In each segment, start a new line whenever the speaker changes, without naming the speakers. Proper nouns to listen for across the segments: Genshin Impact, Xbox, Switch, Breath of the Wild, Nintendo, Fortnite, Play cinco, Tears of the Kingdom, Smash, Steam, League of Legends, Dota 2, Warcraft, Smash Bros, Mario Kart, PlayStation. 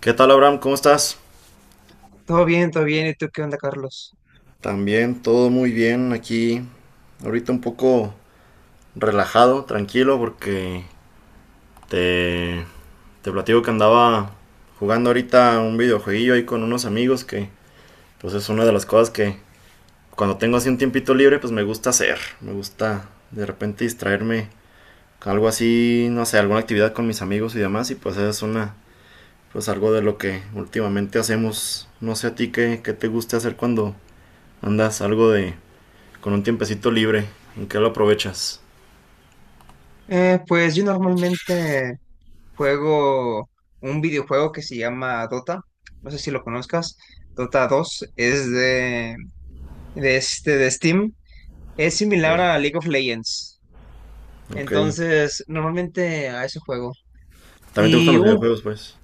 ¿Qué tal, Abraham? ¿Cómo estás?
Todo bien, todo bien. ¿Y tú qué onda, Carlos?
También todo muy bien aquí. Ahorita un poco relajado, tranquilo, porque te, te platico que andaba jugando ahorita un videojueguillo ahí con unos amigos que pues es una de las cosas que cuando tengo así un tiempito libre pues me gusta hacer. Me gusta de repente distraerme con algo así, no sé, alguna actividad con mis amigos y demás, y pues es una pues algo de lo que últimamente hacemos. No sé a ti qué te gusta hacer cuando andas algo de con un tiempecito libre. ¿En qué lo aprovechas?
Pues yo normalmente juego un videojuego que se llama Dota. No sé si lo conozcas. Dota dos es de este, de Steam. Es similar a
Ok,
League of Legends.
ok.
Entonces, normalmente a ese juego.
¿También te gustan
Y
los
un,
videojuegos, pues?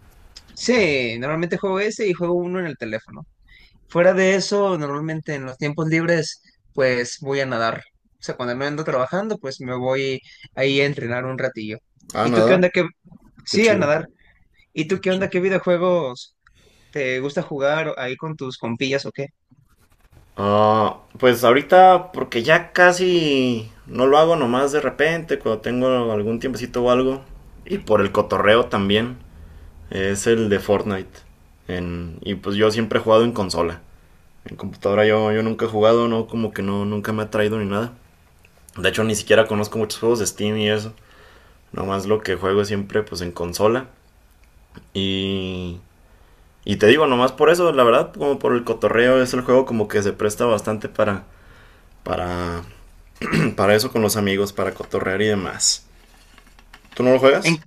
sí, normalmente juego ese y juego uno en el teléfono. Fuera de eso, normalmente en los tiempos libres, pues voy a nadar. O sea, cuando me ando trabajando, pues me voy ahí a entrenar un ratillo.
Ah,
¿Y tú qué
nadar.
onda? ¿Qué?
Qué
Sí, a
chido,
nadar. ¿Y tú
qué
qué
chido.
onda? ¿Qué videojuegos te gusta jugar ahí con tus compillas o qué?
Ah, pues ahorita, porque ya casi no lo hago, nomás de repente, cuando tengo algún tiempecito o algo. Y por el cotorreo también, es el de Fortnite. Y pues yo siempre he jugado en consola. En computadora yo nunca he jugado. No, como que no, nunca me ha traído ni nada. De hecho, ni siquiera conozco muchos juegos de Steam y eso. Nomás lo que juego siempre, pues en consola. Y, y te digo, nomás por eso, la verdad, como por el cotorreo, es el juego como que se presta bastante para, para eso con los amigos, para cotorrear y demás. ¿Tú no lo juegas?
En,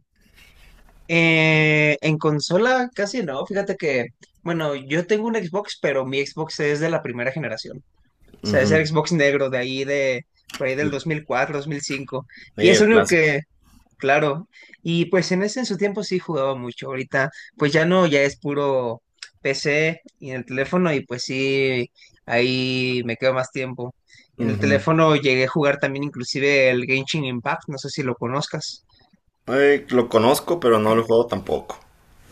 en consola casi no. Fíjate que, bueno, yo tengo un Xbox, pero mi Xbox es de la primera generación. O sea,
Ujú.
es el Xbox negro de ahí de, por ahí del 2004, 2005.
Sí,
Y es
el
el único
clásico.
que Claro, y pues en ese en su tiempo sí jugaba mucho. Ahorita pues ya no, ya es puro PC y en el teléfono, y pues sí, ahí me quedo más tiempo. En el
Ujú.
teléfono llegué a jugar también inclusive el Genshin Impact, no sé si lo conozcas.
Ay, lo conozco, pero no lo juego tampoco.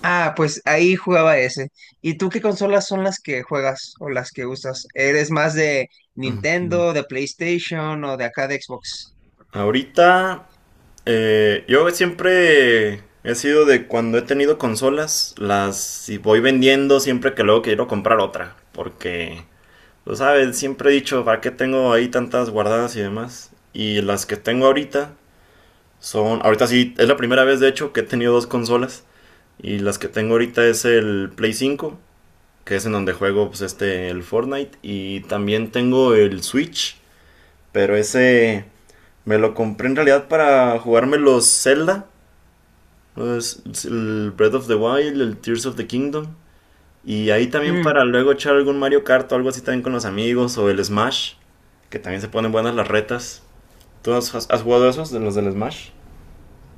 Ah, pues ahí jugaba ese. ¿Y tú qué consolas son las que juegas o las que usas? ¿Eres más de
Ujú.
Nintendo, de PlayStation o de acá de Xbox?
Ahorita, yo siempre he sido de cuando he tenido consolas, las y voy vendiendo siempre que luego quiero comprar otra, porque lo sabes, siempre he dicho, ¿para qué tengo ahí tantas guardadas y demás? Y las que tengo ahorita son, ahorita sí, es la primera vez de hecho que he tenido dos consolas. Y las que tengo ahorita es el Play 5, que es en donde juego pues este, el Fortnite. Y también tengo el Switch, pero ese me lo compré en realidad para jugarme los Zelda, el Breath of the Wild, el Tears of the Kingdom. Y ahí también para luego echar algún Mario Kart o algo así también con los amigos, o el Smash, que también se ponen buenas las retas. ¿Tú has jugado esos de los del Smash?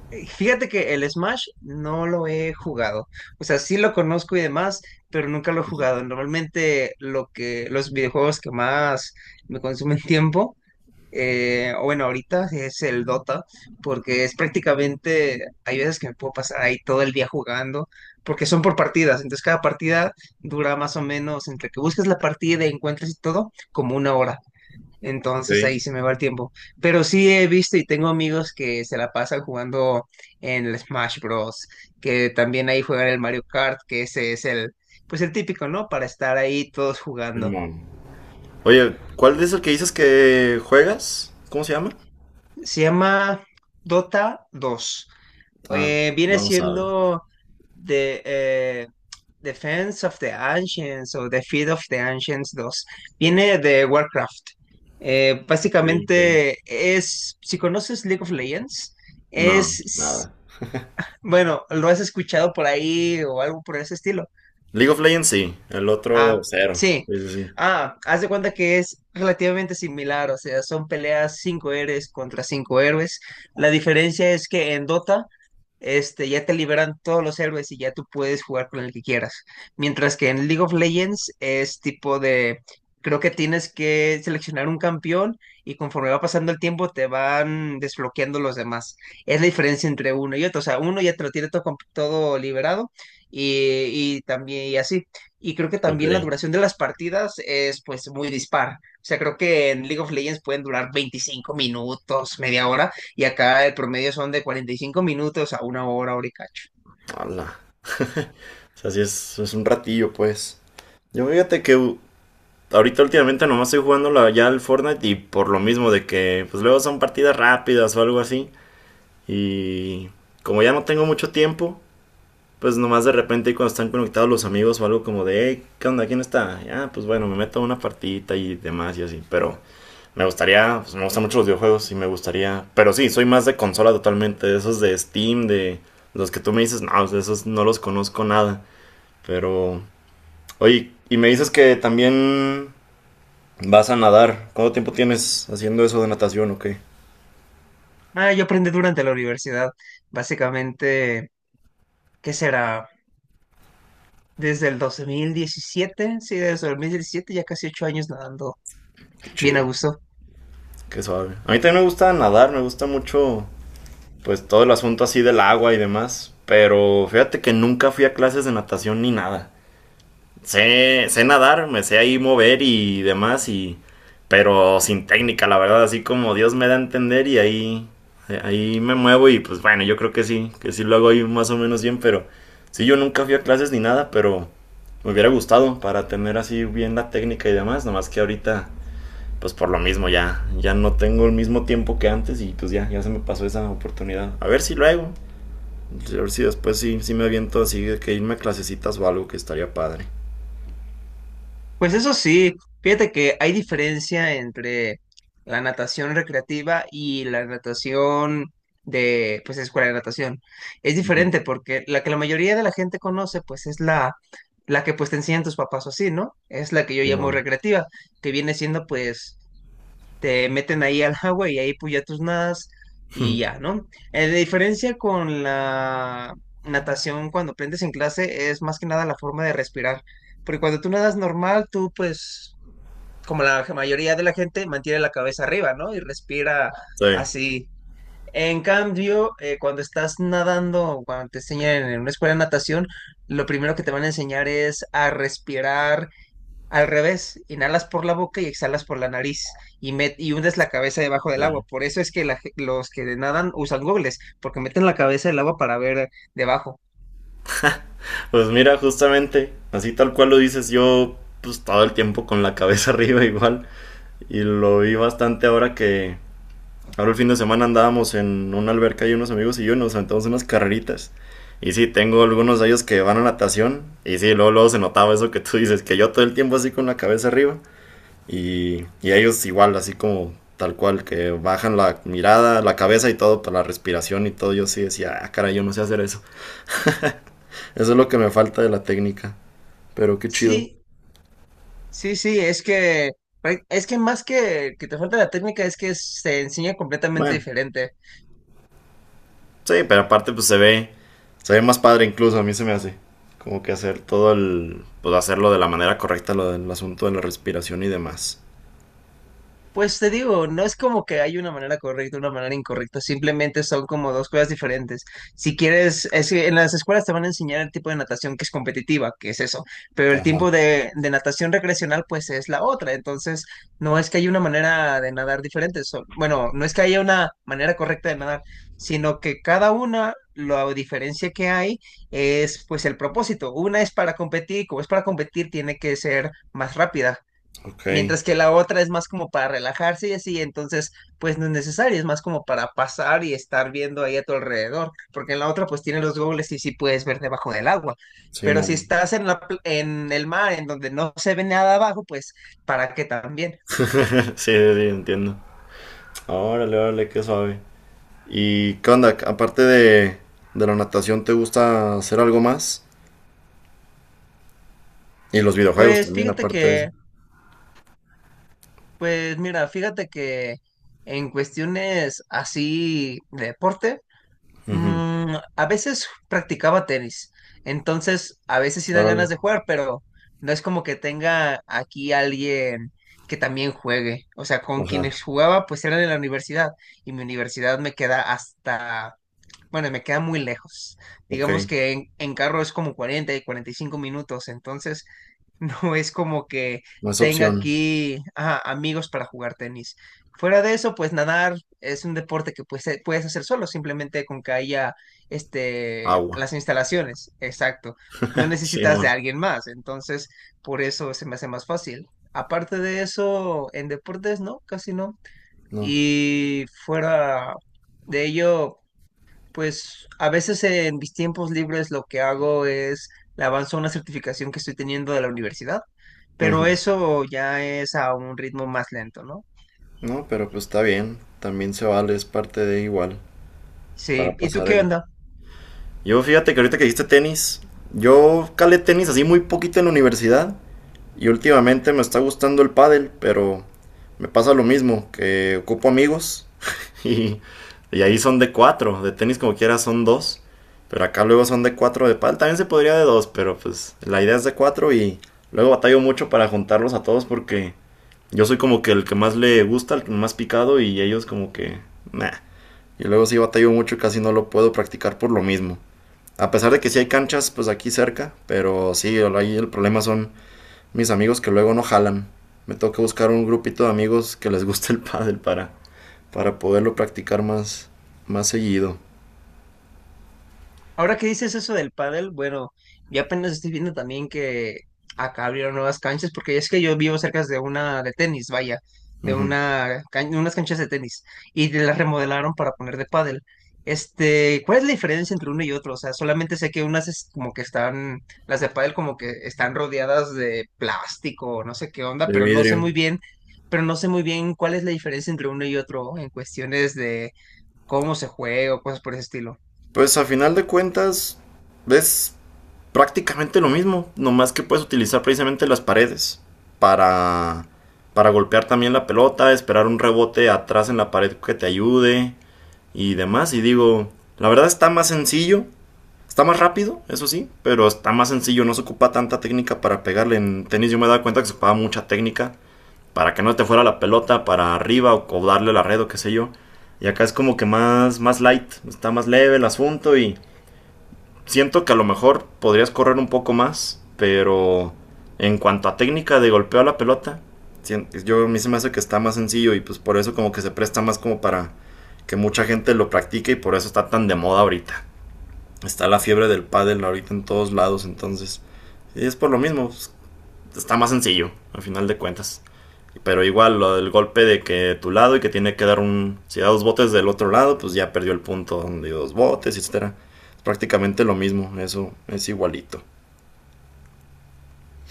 Fíjate que el Smash no lo he jugado. O sea, sí lo conozco y demás, pero nunca lo he jugado. Normalmente lo que, los videojuegos que más me consumen tiempo, o bueno, ahorita es el Dota, porque es prácticamente, hay veces que me puedo pasar ahí todo el día jugando, porque son por partidas. Entonces cada partida dura más o menos, entre que buscas la partida y encuentras y todo, como una hora. Entonces ahí
Sí,
se me va el tiempo. Pero sí he visto y tengo amigos que se la pasan jugando en el Smash Bros. Que también ahí juegan el Mario Kart, que ese es el, pues el típico, ¿no? Para estar ahí todos jugando.
Simón. Oye, ¿cuál es el que dices que juegas? ¿Cómo se llama?
Se llama Dota 2.
Ah,
Viene
no sabe.
siendo de, eh, Defense of the Ancients o Defeat of the Ancients dos. Viene de Warcraft.
Ok, ok.
Básicamente es, si conoces League of Legends,
No,
es,
nada.
bueno, lo has escuchado por ahí o algo por ese estilo.
League of Legends sí, el otro
Ah,
cero.
sí.
Sí, sí, sí.
Ah, haz de cuenta que es relativamente similar. O sea, son peleas 5 héroes contra 5 héroes. La diferencia es que en Dota, este, ya te liberan todos los héroes y ya tú puedes jugar con el que quieras. Mientras que en League of Legends es tipo de, creo que tienes que seleccionar un campeón y conforme va pasando el tiempo te van desbloqueando los demás. Es la diferencia entre uno y otro. O sea, uno ya te lo tiene todo, todo liberado, y, y también y así. Y creo que
Ok.
también la duración de las partidas es pues muy dispar. O sea, creo que en League of Legends pueden durar 25 minutos, media hora, y acá el promedio son de 45 minutos a una hora, hora y cacho.
Ala. O sea, sí es un ratillo, pues. Yo fíjate que ahorita últimamente nomás estoy jugando ya el Fortnite, y por lo mismo de que pues luego son partidas rápidas o algo así, y como ya no tengo mucho tiempo, pues nomás de repente cuando están conectados los amigos o algo, como de: hey, ¿qué onda? ¿Quién está? Ah, pues bueno, me meto a una partidita y demás, y así. Pero me gustaría, pues me gustan mucho los videojuegos y me gustaría, pero sí soy más de consola totalmente. De esos de Steam, de los que tú me dices, no pues, de esos no los conozco nada. Pero oye, y me dices que también vas a nadar. ¿Cuánto tiempo tienes haciendo eso de natación o qué?
Ah, yo aprendí durante la universidad, básicamente. ¿Qué será? Desde el 2017, sí, desde el 2017, ya casi 8 años nadando.
Qué
Bien a
chido,
gusto.
qué suave. A mí también me gusta nadar, me gusta mucho pues todo el asunto así del agua y demás. Pero fíjate que nunca fui a clases de natación ni nada. Sé nadar, me sé ahí mover y demás, pero sin técnica, la verdad, así como Dios me da a entender, y ahí me muevo y pues bueno, yo creo que sí lo hago ahí más o menos bien, pero sí, yo nunca fui a clases ni nada, pero me hubiera gustado para tener así bien la técnica y demás. Nomás que ahorita pues por lo mismo ya, ya no tengo el mismo tiempo que antes, y pues ya, ya se me pasó esa oportunidad. A ver si lo hago, a ver si después sí, sí me aviento así de que irme a clasecitas o algo, que estaría padre.
Pues eso sí, fíjate que hay diferencia entre la natación recreativa y la natación de, pues, escuela de natación. Es
Uh -huh.
diferente porque la que la mayoría de la gente conoce, pues, es la que, pues, te enseñan tus papás o así, ¿no? Es la que yo llamo
Simón.
recreativa, que viene siendo, pues, te meten ahí al agua y ahí pues ya tus nadas y ya, ¿no? La diferencia con la natación cuando aprendes en clase es más que nada la forma de respirar, porque cuando tú nadas normal, tú pues, como la mayoría de la gente, mantiene la cabeza arriba, ¿no? Y respira
Sí.
así. En cambio, cuando estás nadando, o cuando te enseñan en una escuela de natación, lo primero que te van a enseñar es a respirar al revés: inhalas por la boca y exhalas por la nariz y, y hundes la cabeza debajo del agua. Por eso es que los que nadan usan gogles, porque meten la cabeza del agua para ver debajo.
Pues mira, justamente, así tal cual lo dices, yo pues todo el tiempo con la cabeza arriba igual. Y lo vi bastante ahora que, ahora el fin de semana andábamos en una alberca, y unos amigos y yo, y nos aventamos unas carreritas. Y sí, tengo algunos de ellos que van a natación. Y sí, luego, luego se notaba eso que tú dices, que yo todo el tiempo así con la cabeza arriba. Y ellos igual, así como tal cual, que bajan la mirada, la cabeza y todo, para la respiración y todo. Yo sí decía, ah, cara, yo no sé hacer eso. Eso es lo que me falta de la técnica. Pero qué chido.
Sí, sí, sí, es que más que te falta la técnica, es que se enseña completamente
Bueno,
diferente.
sí, pero aparte pues se ve más padre incluso, a mí se me hace. Como que hacer pues hacerlo de la manera correcta, lo del asunto de la respiración y demás.
Pues te digo, no es como que hay una manera correcta, una manera incorrecta, simplemente son como dos cosas diferentes. Si quieres, es que en las escuelas te van a enseñar el tipo de natación que es competitiva, que es eso, pero el tipo
Ajá.
de natación recreacional pues es la otra. Entonces, no es que haya una manera de nadar diferente, bueno, no es que haya una manera correcta de nadar, sino que cada una, la diferencia que hay es pues el propósito. Una es para competir, como es para competir, tiene que ser más rápida.
Ok.
Mientras que la otra es más como para relajarse y así, entonces pues no es necesario, es más como para pasar y estar viendo ahí a tu alrededor, porque en la otra pues tiene los goggles y sí puedes ver debajo del agua, pero si
Simón.
estás en el mar, en donde no se ve nada abajo, pues ¿para qué también?
Sí, sí, sí, entiendo. Órale, órale, qué suave. ¿Y qué onda? Aparte de la natación, ¿te gusta hacer algo más? Y los videojuegos
Pues
también,
fíjate
aparte de eso.
que, pues mira, fíjate que en cuestiones así de deporte,
Ujú.
A veces practicaba tenis, entonces a veces sí dan
Órale.
ganas de jugar, pero no es como que tenga aquí alguien que también juegue. O sea, con
Ajá.
quienes jugaba pues eran en la universidad, y mi universidad me queda hasta, bueno, me queda muy lejos.
Ok.
Digamos que en carro es como 40 y 45 minutos, entonces no es como que
No es
tenga
opción.
aquí, ajá, amigos para jugar tenis. Fuera de eso, pues nadar es un deporte que pues, puedes hacer solo, simplemente con que haya, este,
Agua.
las instalaciones. Exacto. No necesitas de
Simón.
alguien más, entonces por eso se me hace más fácil. Aparte de eso, en deportes no, casi no.
No.
Y fuera de ello, pues a veces en mis tiempos libres lo que hago es le avanzo una certificación que estoy teniendo de la universidad, pero
Ujú.
eso ya es a un ritmo más lento, ¿no?
No, pero pues está bien. También se vale, es parte de igual, para
Sí, ¿y tú
pasar
qué
el.
onda?
Yo fíjate que ahorita que dijiste tenis, yo calé tenis así muy poquito en la universidad, y últimamente me está gustando el pádel, pero me pasa lo mismo, que ocupo amigos y, y ahí son de cuatro, de tenis como quiera son dos, pero acá luego son de cuatro de pádel, también se podría de dos, pero pues la idea es de cuatro, y luego batallo mucho para juntarlos a todos, porque yo soy como que el que más le gusta, el más picado, y ellos como que. Nah. Y luego sí batallo mucho, casi no lo puedo practicar por lo mismo. A pesar de que sí hay canchas pues aquí cerca, pero sí, ahí el problema son mis amigos, que luego no jalan. Me toca buscar un grupito de amigos que les guste el pádel para, poderlo practicar más, más seguido.
Ahora que dices eso del pádel, bueno, yo apenas estoy viendo también que acá abrieron nuevas canchas, porque es que yo vivo cerca de una de tenis, vaya,
Uh -huh.
de unas canchas de tenis, y de las remodelaron para poner de pádel. Este, ¿cuál es la diferencia entre uno y otro? O sea, solamente sé que unas es como que están, las de pádel como que están rodeadas de plástico, no sé qué onda,
De
pero no sé
vidrio.
muy bien, pero no sé muy bien cuál es la diferencia entre uno y otro en cuestiones de cómo se juega o cosas por ese estilo.
Pues a final de cuentas, ves prácticamente lo mismo, nomás que puedes utilizar precisamente las paredes para, para golpear también la pelota, esperar un rebote atrás en la pared que te ayude y demás. Y digo, la verdad está más sencillo, está más rápido, eso sí, pero está más sencillo, no se ocupa tanta técnica para pegarle. En tenis yo me he dado cuenta que se ocupaba mucha técnica para que no te fuera la pelota para arriba, o darle la red o qué sé yo. Y acá es como que más, más light, está más leve el asunto, y siento que a lo mejor podrías correr un poco más, pero en cuanto a técnica de golpeo a la pelota, yo a mí se me hace que está más sencillo, y pues por eso como que se presta más como para que mucha gente lo practique, y por eso está tan de moda ahorita. Está la fiebre del pádel ahorita en todos lados, y es por lo mismo, pues, está más sencillo al final de cuentas. Pero igual, lo del golpe de que tu lado y que tiene que dar un. Si da dos botes del otro lado, pues ya perdió el punto donde dio dos botes, etcétera. Es prácticamente lo mismo, eso es igualito.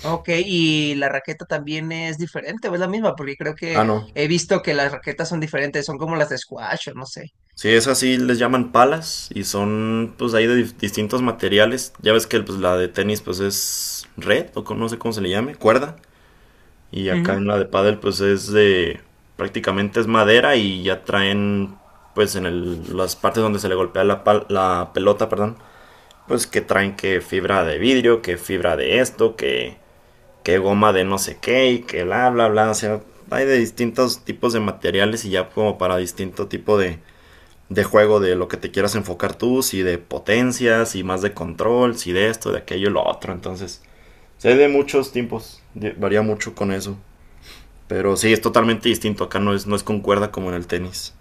Ok, y la raqueta también es diferente, o es la misma, porque creo
Ah,
que
no.
he visto que las raquetas son diferentes, son como las de squash o no sé.
Sí, es así, les llaman palas, y son pues ahí de distintos materiales. Ya ves que pues la de tenis pues es red o no sé cómo se le llame, cuerda. Y acá
Ujú.
en la de pádel pues es de prácticamente es madera, y ya traen pues en las partes donde se le golpea la pelota, perdón, pues que traen que fibra de vidrio, que fibra de esto, que goma de no sé qué, y que bla, bla, bla. O sea, hay de distintos tipos de materiales, y ya como para distinto tipo de juego, de lo que te quieras enfocar tú, si de potencias, si más de control, si de esto, de aquello, lo otro. Entonces, o sea, hay de muchos tipos, varía mucho con eso. Pero sí, es totalmente distinto. Acá no es con cuerda como en el tenis.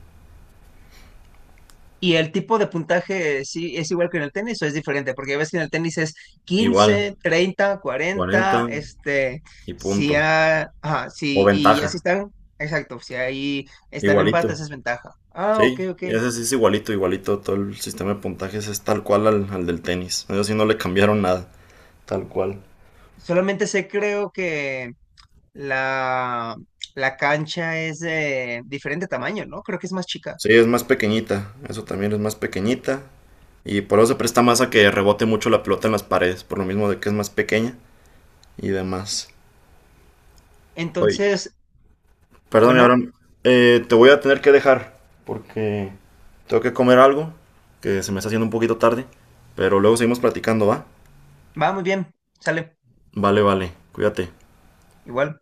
Y el tipo de puntaje, ¿sí es igual que en el tenis o es diferente? Porque ves que en el tenis es
Igual,
15, 30,
40
40, este,
y
si,
punto.
ha- ajá,
O
sí, y ya
ventaja,
si están, exacto, si ahí están
igualito.
empates, es ventaja. Ah, ok,
Sí,
ok.
y ese sí es igualito, igualito. Todo el sistema de puntajes es tal cual al del tenis. Eso sí no le cambiaron nada. Tal cual.
Solamente sé, creo que la, la cancha es de diferente tamaño, ¿no? Creo que es más chica.
Sí, es más pequeñita. Eso también es más pequeñita. Y por eso se presta más a que rebote mucho la pelota en las paredes. Por lo mismo de que es más pequeña y demás. Oye,
Entonces,
perdón,
bueno,
Abraham, te voy a tener que dejar. Porque tengo que comer algo. Que se me está haciendo un poquito tarde. Pero luego seguimos platicando, ¿va?
va muy bien, sale
Vale, vale. Cuídate.
igual.